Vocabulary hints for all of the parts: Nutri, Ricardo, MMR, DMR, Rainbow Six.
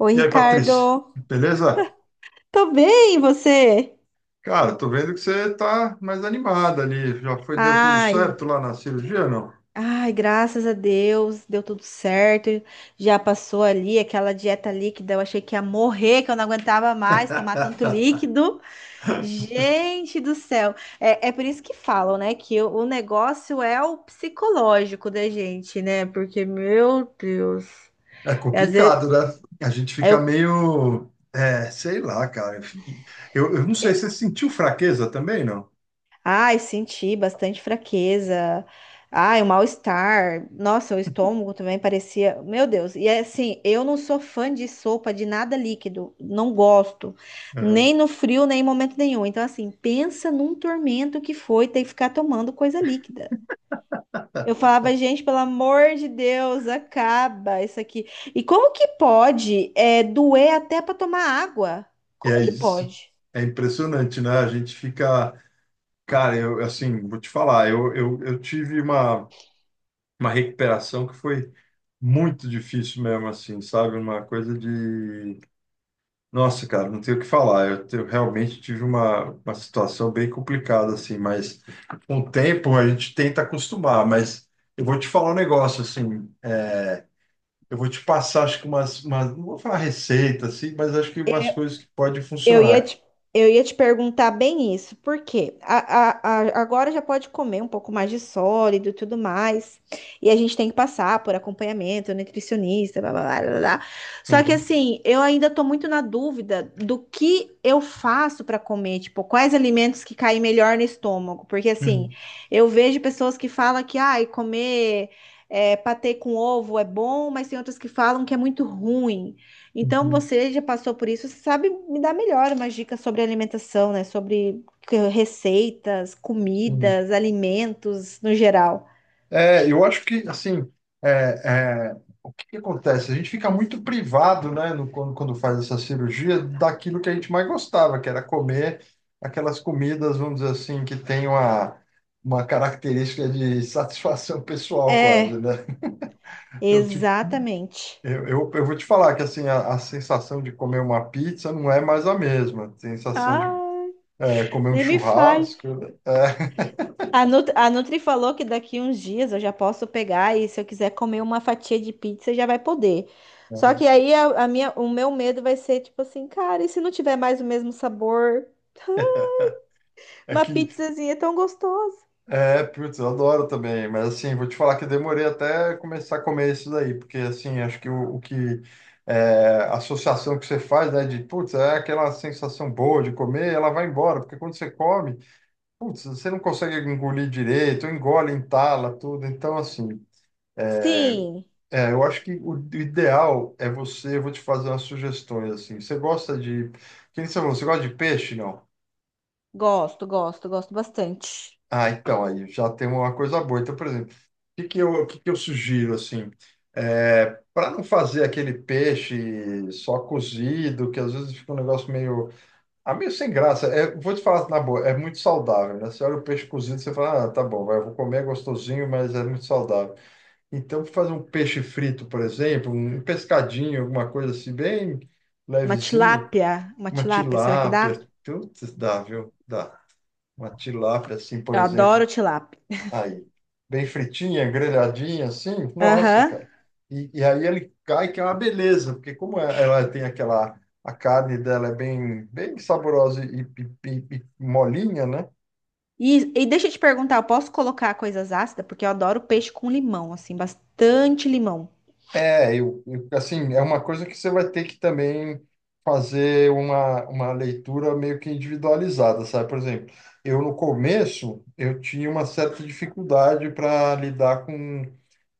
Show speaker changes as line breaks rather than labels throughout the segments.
Oi,
E aí,
Ricardo.
Patrícia, beleza?
Tô bem, e você?
Cara, tô vendo que você tá mais animada ali. Já foi, deu tudo
Ai,
certo lá na cirurgia, não?
ai, graças a Deus, deu tudo certo. Já passou ali aquela dieta líquida, eu achei que ia morrer, que eu não aguentava mais tomar tanto líquido. Gente do céu. É por isso que falam, né, que o negócio é o psicológico da gente, né? Porque, meu Deus,
É
às vezes
complicado, né? A gente fica
eu
meio, sei lá, cara. Eu não sei, você sentiu fraqueza também, não?
ai, senti bastante fraqueza. Ai, o mal-estar. Nossa, o estômago também parecia. Meu Deus. E é assim, eu não sou fã de sopa de nada líquido. Não gosto.
Uhum.
Nem no frio, nem em momento nenhum. Então, assim, pensa num tormento que foi ter que ficar tomando coisa líquida. Eu falava, gente, pelo amor de Deus, acaba isso aqui. E como que pode, é, doer até para tomar água?
E
Como
é
que
isso.
pode?
É impressionante, né? A gente fica, cara, eu assim, vou te falar, eu tive uma recuperação que foi muito difícil mesmo, assim, sabe? Uma coisa de Nossa, cara, não tenho o que falar. Eu realmente tive uma situação bem complicada, assim, mas com o tempo a gente tenta acostumar. Mas eu vou te falar um negócio, assim, eu vou te passar, acho que não vou falar receita, assim, mas acho que umas coisas que podem
Eu ia
funcionar.
te, eu ia te perguntar bem isso, porque agora já pode comer um pouco mais de sólido e tudo mais, e a gente tem que passar por acompanhamento, nutricionista, blá, blá, blá, blá, blá. Só que
Uhum,
assim, eu ainda tô muito na dúvida do que eu faço para comer, tipo, quais alimentos que caem melhor no estômago, porque assim,
uhum,
eu vejo pessoas que falam que, ai, comer é, patê com ovo é bom, mas tem outras que falam que é muito ruim. Então
uhum,
você já passou por isso, você sabe me dar melhor umas dicas sobre alimentação, né? Sobre que- receitas,
uhum.
comidas, alimentos no geral.
É, eu acho que, assim, é, é, o que que acontece? A gente fica muito privado, né, quando faz essa cirurgia, daquilo que a gente mais gostava, que era comer aquelas comidas, vamos dizer assim, que tem uma característica de satisfação pessoal quase,
É,
né? Eu, te-
exatamente.
eu vou te falar que, assim, a sensação de comer uma pizza não é mais a mesma. A sensação de
Ah,
comer um
nem me fale.
churrasco, é,
A Nut- a Nutri falou que daqui uns dias eu já posso pegar e se eu quiser comer uma fatia de pizza já vai poder. Só que aí a minha, o meu medo vai ser tipo assim, cara, e se não tiver mais o mesmo sabor?
é
Uma
que
pizzazinha é tão gostosa.
É, putz, eu adoro também, mas assim, vou te falar que eu demorei até começar a comer isso daí, porque assim, acho que o que é, a associação que você faz, né, de putz, é aquela sensação boa de comer, ela vai embora, porque quando você come, putz, você não consegue engolir direito, engole, entala, tudo, então assim, é,
Sim.
eu acho que o ideal é você, eu vou te fazer umas sugestões, assim, você gosta de, que nem você falou, você gosta de peixe, não?
Gosto, gosto, gosto bastante.
Ah, então, aí já tem uma coisa boa. Então, por exemplo, o que que eu sugiro, assim, para não fazer aquele peixe só cozido, que às vezes fica um negócio meio, meio sem graça. É, vou te falar na boa, é muito saudável, né? Você olha o peixe cozido, você fala, ah, tá bom, vai, eu vou comer, é gostosinho, mas é muito saudável. Então, fazer um peixe frito, por exemplo, um pescadinho, alguma coisa assim, bem levezinha,
Uma
uma
tilápia, será que dá?
tilápia, tudo dá, viu? Dá. Uma tilápia, assim, por
Eu
exemplo.
adoro tilápia.
Aí, bem fritinha, grelhadinha, assim, nossa,
Aham.
cara. E aí ele cai, que é uma beleza, porque ela tem aquela, a carne dela é bem, bem saborosa e molinha, né?
E deixa eu te perguntar, eu posso colocar coisas ácidas? Porque eu adoro peixe com limão, assim, bastante limão.
É, assim, é uma coisa que você vai ter que também fazer uma leitura meio que individualizada, sabe? Por exemplo, eu no começo, eu tinha uma certa dificuldade para lidar com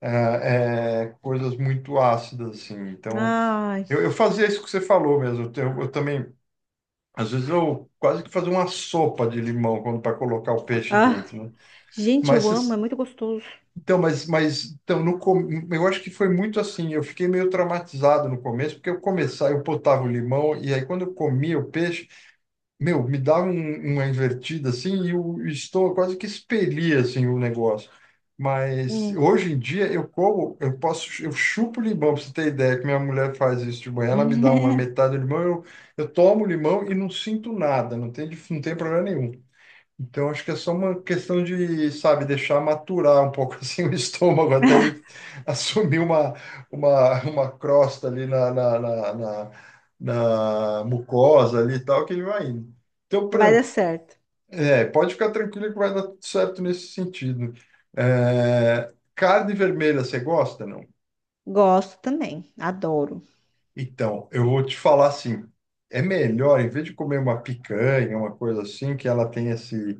coisas muito ácidas, assim, então.
Ai,
Eu fazia isso que você falou mesmo. Eu também, às vezes, eu quase que fazia uma sopa de limão quando para colocar o peixe
ah,
dentro, né?
gente,
Mas
eu amo, é
vocês-
muito gostoso.
então, mas então, no, com- eu acho que foi muito assim. Eu fiquei meio traumatizado no começo, porque eu começava, eu botava o limão, e aí quando eu comia o peixe, meu, me dava uma invertida assim e o estou quase que expelia assim o negócio. Mas
Hum.
hoje em dia eu como, eu posso, eu chupo limão, pra você ter ideia que minha mulher faz isso de manhã, ela me dá uma metade do limão, eu tomo limão e não sinto nada, não tem problema nenhum. Então, acho que é só uma questão de, sabe, deixar maturar um pouco assim o estômago até ele assumir uma crosta ali na mucosa ali e tal, que ele vai indo. Então, por
Vai dar
exemplo,
certo.
pode ficar tranquilo que vai dar tudo certo nesse sentido. É, carne vermelha, você gosta, não?
Gosto também, adoro.
Então, eu vou te falar assim, é melhor, em vez de comer uma picanha, uma coisa assim. Que ela tem esse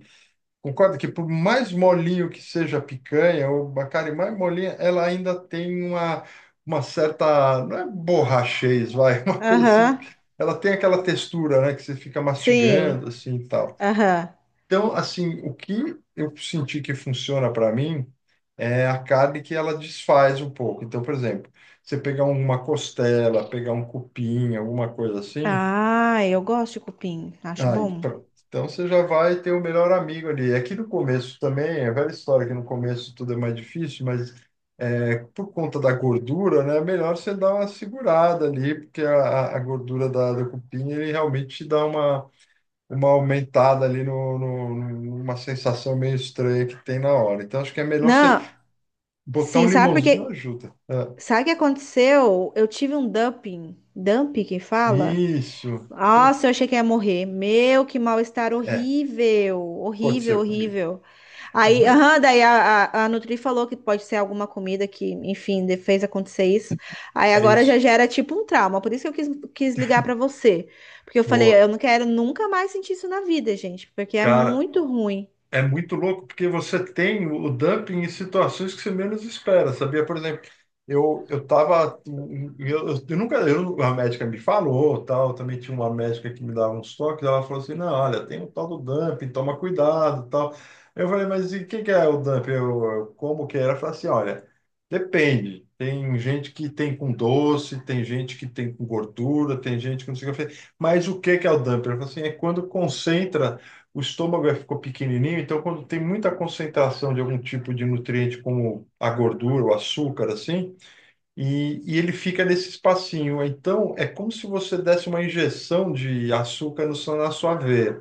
Concorda que por mais molinho que seja a picanha, ou a carne mais molinha, ela ainda tem uma certa, não é borrachez, vai, uma coisa assim,
Aham,
ela tem aquela textura, né, que você fica
sim,
mastigando, assim, e tal.
aham.
Então, assim, o que eu senti que funciona para mim é a carne que ela desfaz um pouco. Então, por exemplo, você pegar uma costela, pegar um cupim, alguma coisa assim.
Ah, eu gosto de cupim, acho
Aí,
bom.
pronto. Então você já vai ter o melhor amigo ali. Aqui no começo também, é velha história que no começo tudo é mais difícil, mas por conta da gordura, né, é melhor você dar uma segurada ali, porque a gordura da cupinha ele realmente te dá uma aumentada ali numa sensação meio estranha que tem na hora. Então acho que é melhor você
Não,
botar
sim,
um
sabe por
limãozinho
quê?
ajuda, né?
Sabe o que aconteceu? Eu tive um dumping. Dumping que fala?
Isso.
Nossa,
Puta,
eu achei que ia morrer. Meu, que mal-estar
É,
horrível. Horrível,
aconteceu comigo.
horrível.
Eu-
Aí,
É
aham, daí a Nutri falou que pode ser alguma comida que, enfim, de- fez acontecer isso. Aí
é
agora já
isso.
gera tipo um trauma. Por isso que eu quis ligar pra você. Porque eu falei,
Boa.
eu não quero nunca mais sentir isso na vida, gente. Porque é
Cara,
muito ruim.
é muito louco, porque você tem o dumping em situações que você menos espera, sabia? Por exemplo, eu tava. Eu nunca. A médica me falou, tal. Também tinha uma médica que me dava uns toques. Ela falou assim: não, olha, tem o tal do dumping, toma cuidado, tal. Eu falei, mas e o que, que é o dumping? Como que é? Ela falou assim: olha, depende. Tem gente que tem com doce, tem gente que tem com gordura, tem gente que não sei o que. Eu falei, mas o que, que é o dumping? Ela falou assim: é quando concentra o estômago ficou pequenininho, então quando tem muita concentração de algum tipo de nutriente, como a gordura, o açúcar, assim, e ele fica nesse espacinho. Então é como se você desse uma injeção de açúcar no, seu- na sua veia.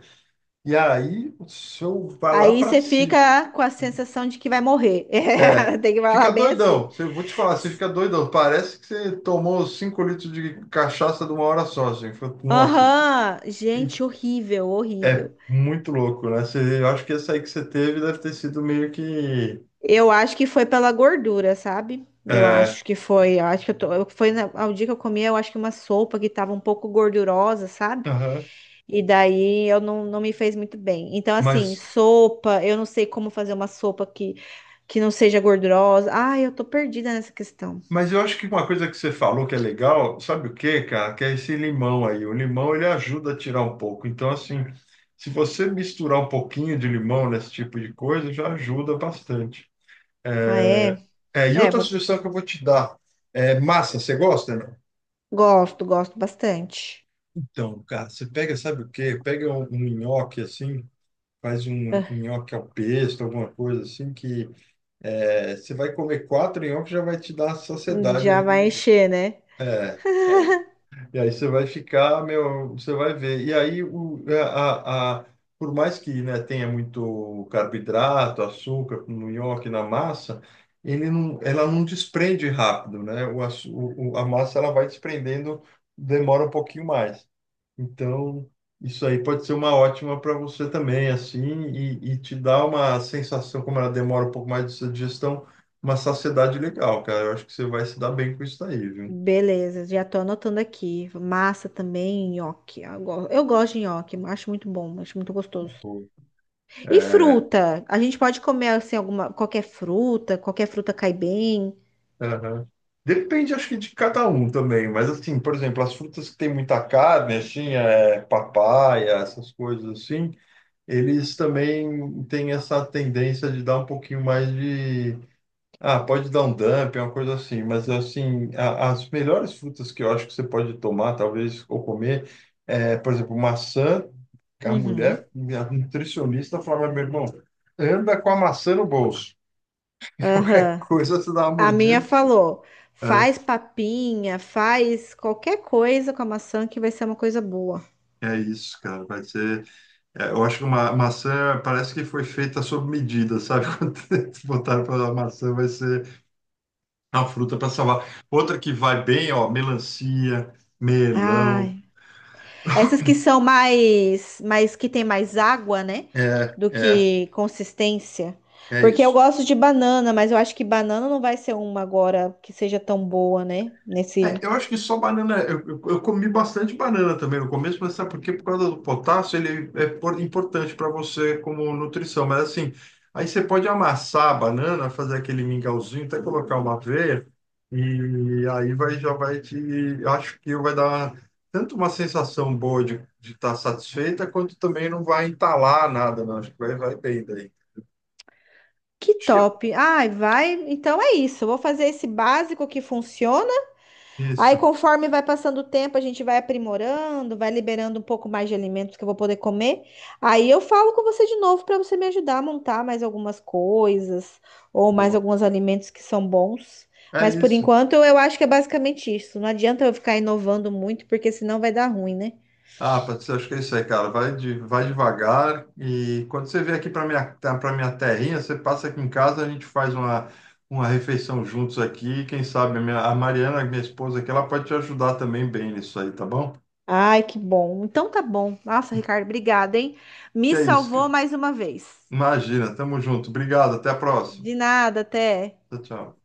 E aí o seu vai lá
Aí
para
você
cima.
fica com a sensação de que vai morrer.
É.
É, tem que
Fica
falar bem
doidão.
assim.
Vou te falar, você fica doidão. Parece que você tomou 5 litros de cachaça de uma hora só, assim. Nossa, assim.
Aham,
E
gente, horrível,
é
horrível.
muito louco, né? Eu acho que essa aí que você teve deve ter sido meio que.
Eu acho que foi pela gordura, sabe? Eu
É,
acho que foi, eu acho que eu tô, eu- foi na, ao dia que eu comi, eu acho que uma sopa que tava um pouco gordurosa, sabe?
aham.
E daí eu não me fez muito bem. Então, assim,
Mas,
sopa, eu não sei como fazer uma sopa que não seja gordurosa. Ai, eu tô perdida nessa questão.
mas eu acho que uma coisa que você falou que é legal, sabe o quê, cara? Que é esse limão aí. O limão ele ajuda a tirar um pouco. Então, assim, se você misturar um pouquinho de limão nesse tipo de coisa, já ajuda bastante.
Ah,
É,
é?
e
É,
outra
vou,
sugestão que eu vou te dar é massa. Você gosta, não?
gosto, gosto bastante.
Então, cara, você pega, sabe o quê? Pega um nhoque assim, faz um
Ah,
nhoque ao pesto, alguma coisa assim, você vai comer quatro nhoques já vai te dar saciedade
já
ali no
vai
negócio.
encher, né?
E aí você vai ficar, meu, você vai ver. E aí, o, a- por mais que, né, tenha muito carboidrato, açúcar no nhoque, na massa, ele não, ela não desprende rápido, né? O, açu- o- a massa ela vai desprendendo, demora um pouquinho mais. Então, isso aí pode ser uma ótima para você também, assim, e te dá uma sensação, como ela demora um pouco mais de sua digestão, uma saciedade legal, cara. Eu acho que você vai se dar bem com isso daí, viu?
Beleza, já tô anotando aqui. Massa também, nhoque. Eu go- eu gosto de nhoque, acho muito bom, acho muito gostoso.
Pô.
E fruta? A gente pode comer assim alguma, qualquer fruta cai bem.
Aham. Depende, acho que de cada um também, mas assim, por exemplo, as frutas que tem muita carne, assim, papaya, essas coisas assim, eles também têm essa tendência de dar um pouquinho mais de. Ah, pode dar um dump, uma coisa assim, mas assim, as melhores frutas que eu acho que você pode tomar, talvez, ou comer, por exemplo, maçã, que a
Uhum.
mulher, a nutricionista falava, meu irmão, anda com a maçã no bolso. Qualquer
Aham.
coisa você dá uma
A minha
mordida.
falou: faz papinha, faz qualquer coisa com a maçã que vai ser uma coisa boa.
É isso, cara. Vai ser. Eu acho que uma maçã parece que foi feita sob medida, sabe? Quando eles botaram para a maçã, vai ser a fruta para salvar. Outra que vai bem, ó, melancia,
Ah,
melão.
essas que são mais, mais que tem mais água, né?
É,
Do
é,
que consistência.
é
Porque eu
isso.
gosto de banana, mas eu acho que banana não vai ser uma agora que seja tão boa, né? Nesse.
É, eu acho que só banana. Eu comi bastante banana também no começo, mas sabe por quê? Por causa do potássio, ele é importante para você como nutrição. Mas assim, aí você pode amassar a banana, fazer aquele mingauzinho, até colocar uma aveia, e aí vai, já vai te. Acho que vai dar tanto uma sensação boa de estar satisfeita, quanto também não vai entalar nada, não. Acho que vai, vai bem daí.
Que
Acho que é
top. Ai, vai. Então é isso. Eu vou fazer esse básico que funciona. Aí,
isso.
conforme vai passando o tempo, a gente vai aprimorando, vai liberando um pouco mais de alimentos que eu vou poder comer. Aí eu falo com você de novo para você me ajudar a montar mais algumas coisas ou mais
Boa.
alguns alimentos que são bons.
É
Mas por
isso.
enquanto eu acho que é basicamente isso. Não adianta eu ficar inovando muito, porque senão vai dar ruim, né?
Ah, Patrícia, acho que é isso aí, cara. Vai devagar e quando você vier aqui para minha terrinha, você passa aqui em casa, a gente faz uma refeição juntos aqui. Quem sabe a Mariana, minha esposa aqui, ela pode te ajudar também bem nisso aí, tá bom?
Ai, que bom. Então tá bom. Nossa, Ricardo, obrigada, hein?
Que
Me
é isso,
salvou mais uma vez.
imagina. Tamo junto. Obrigado. Até a próxima.
De nada, até.
Tchau, tchau.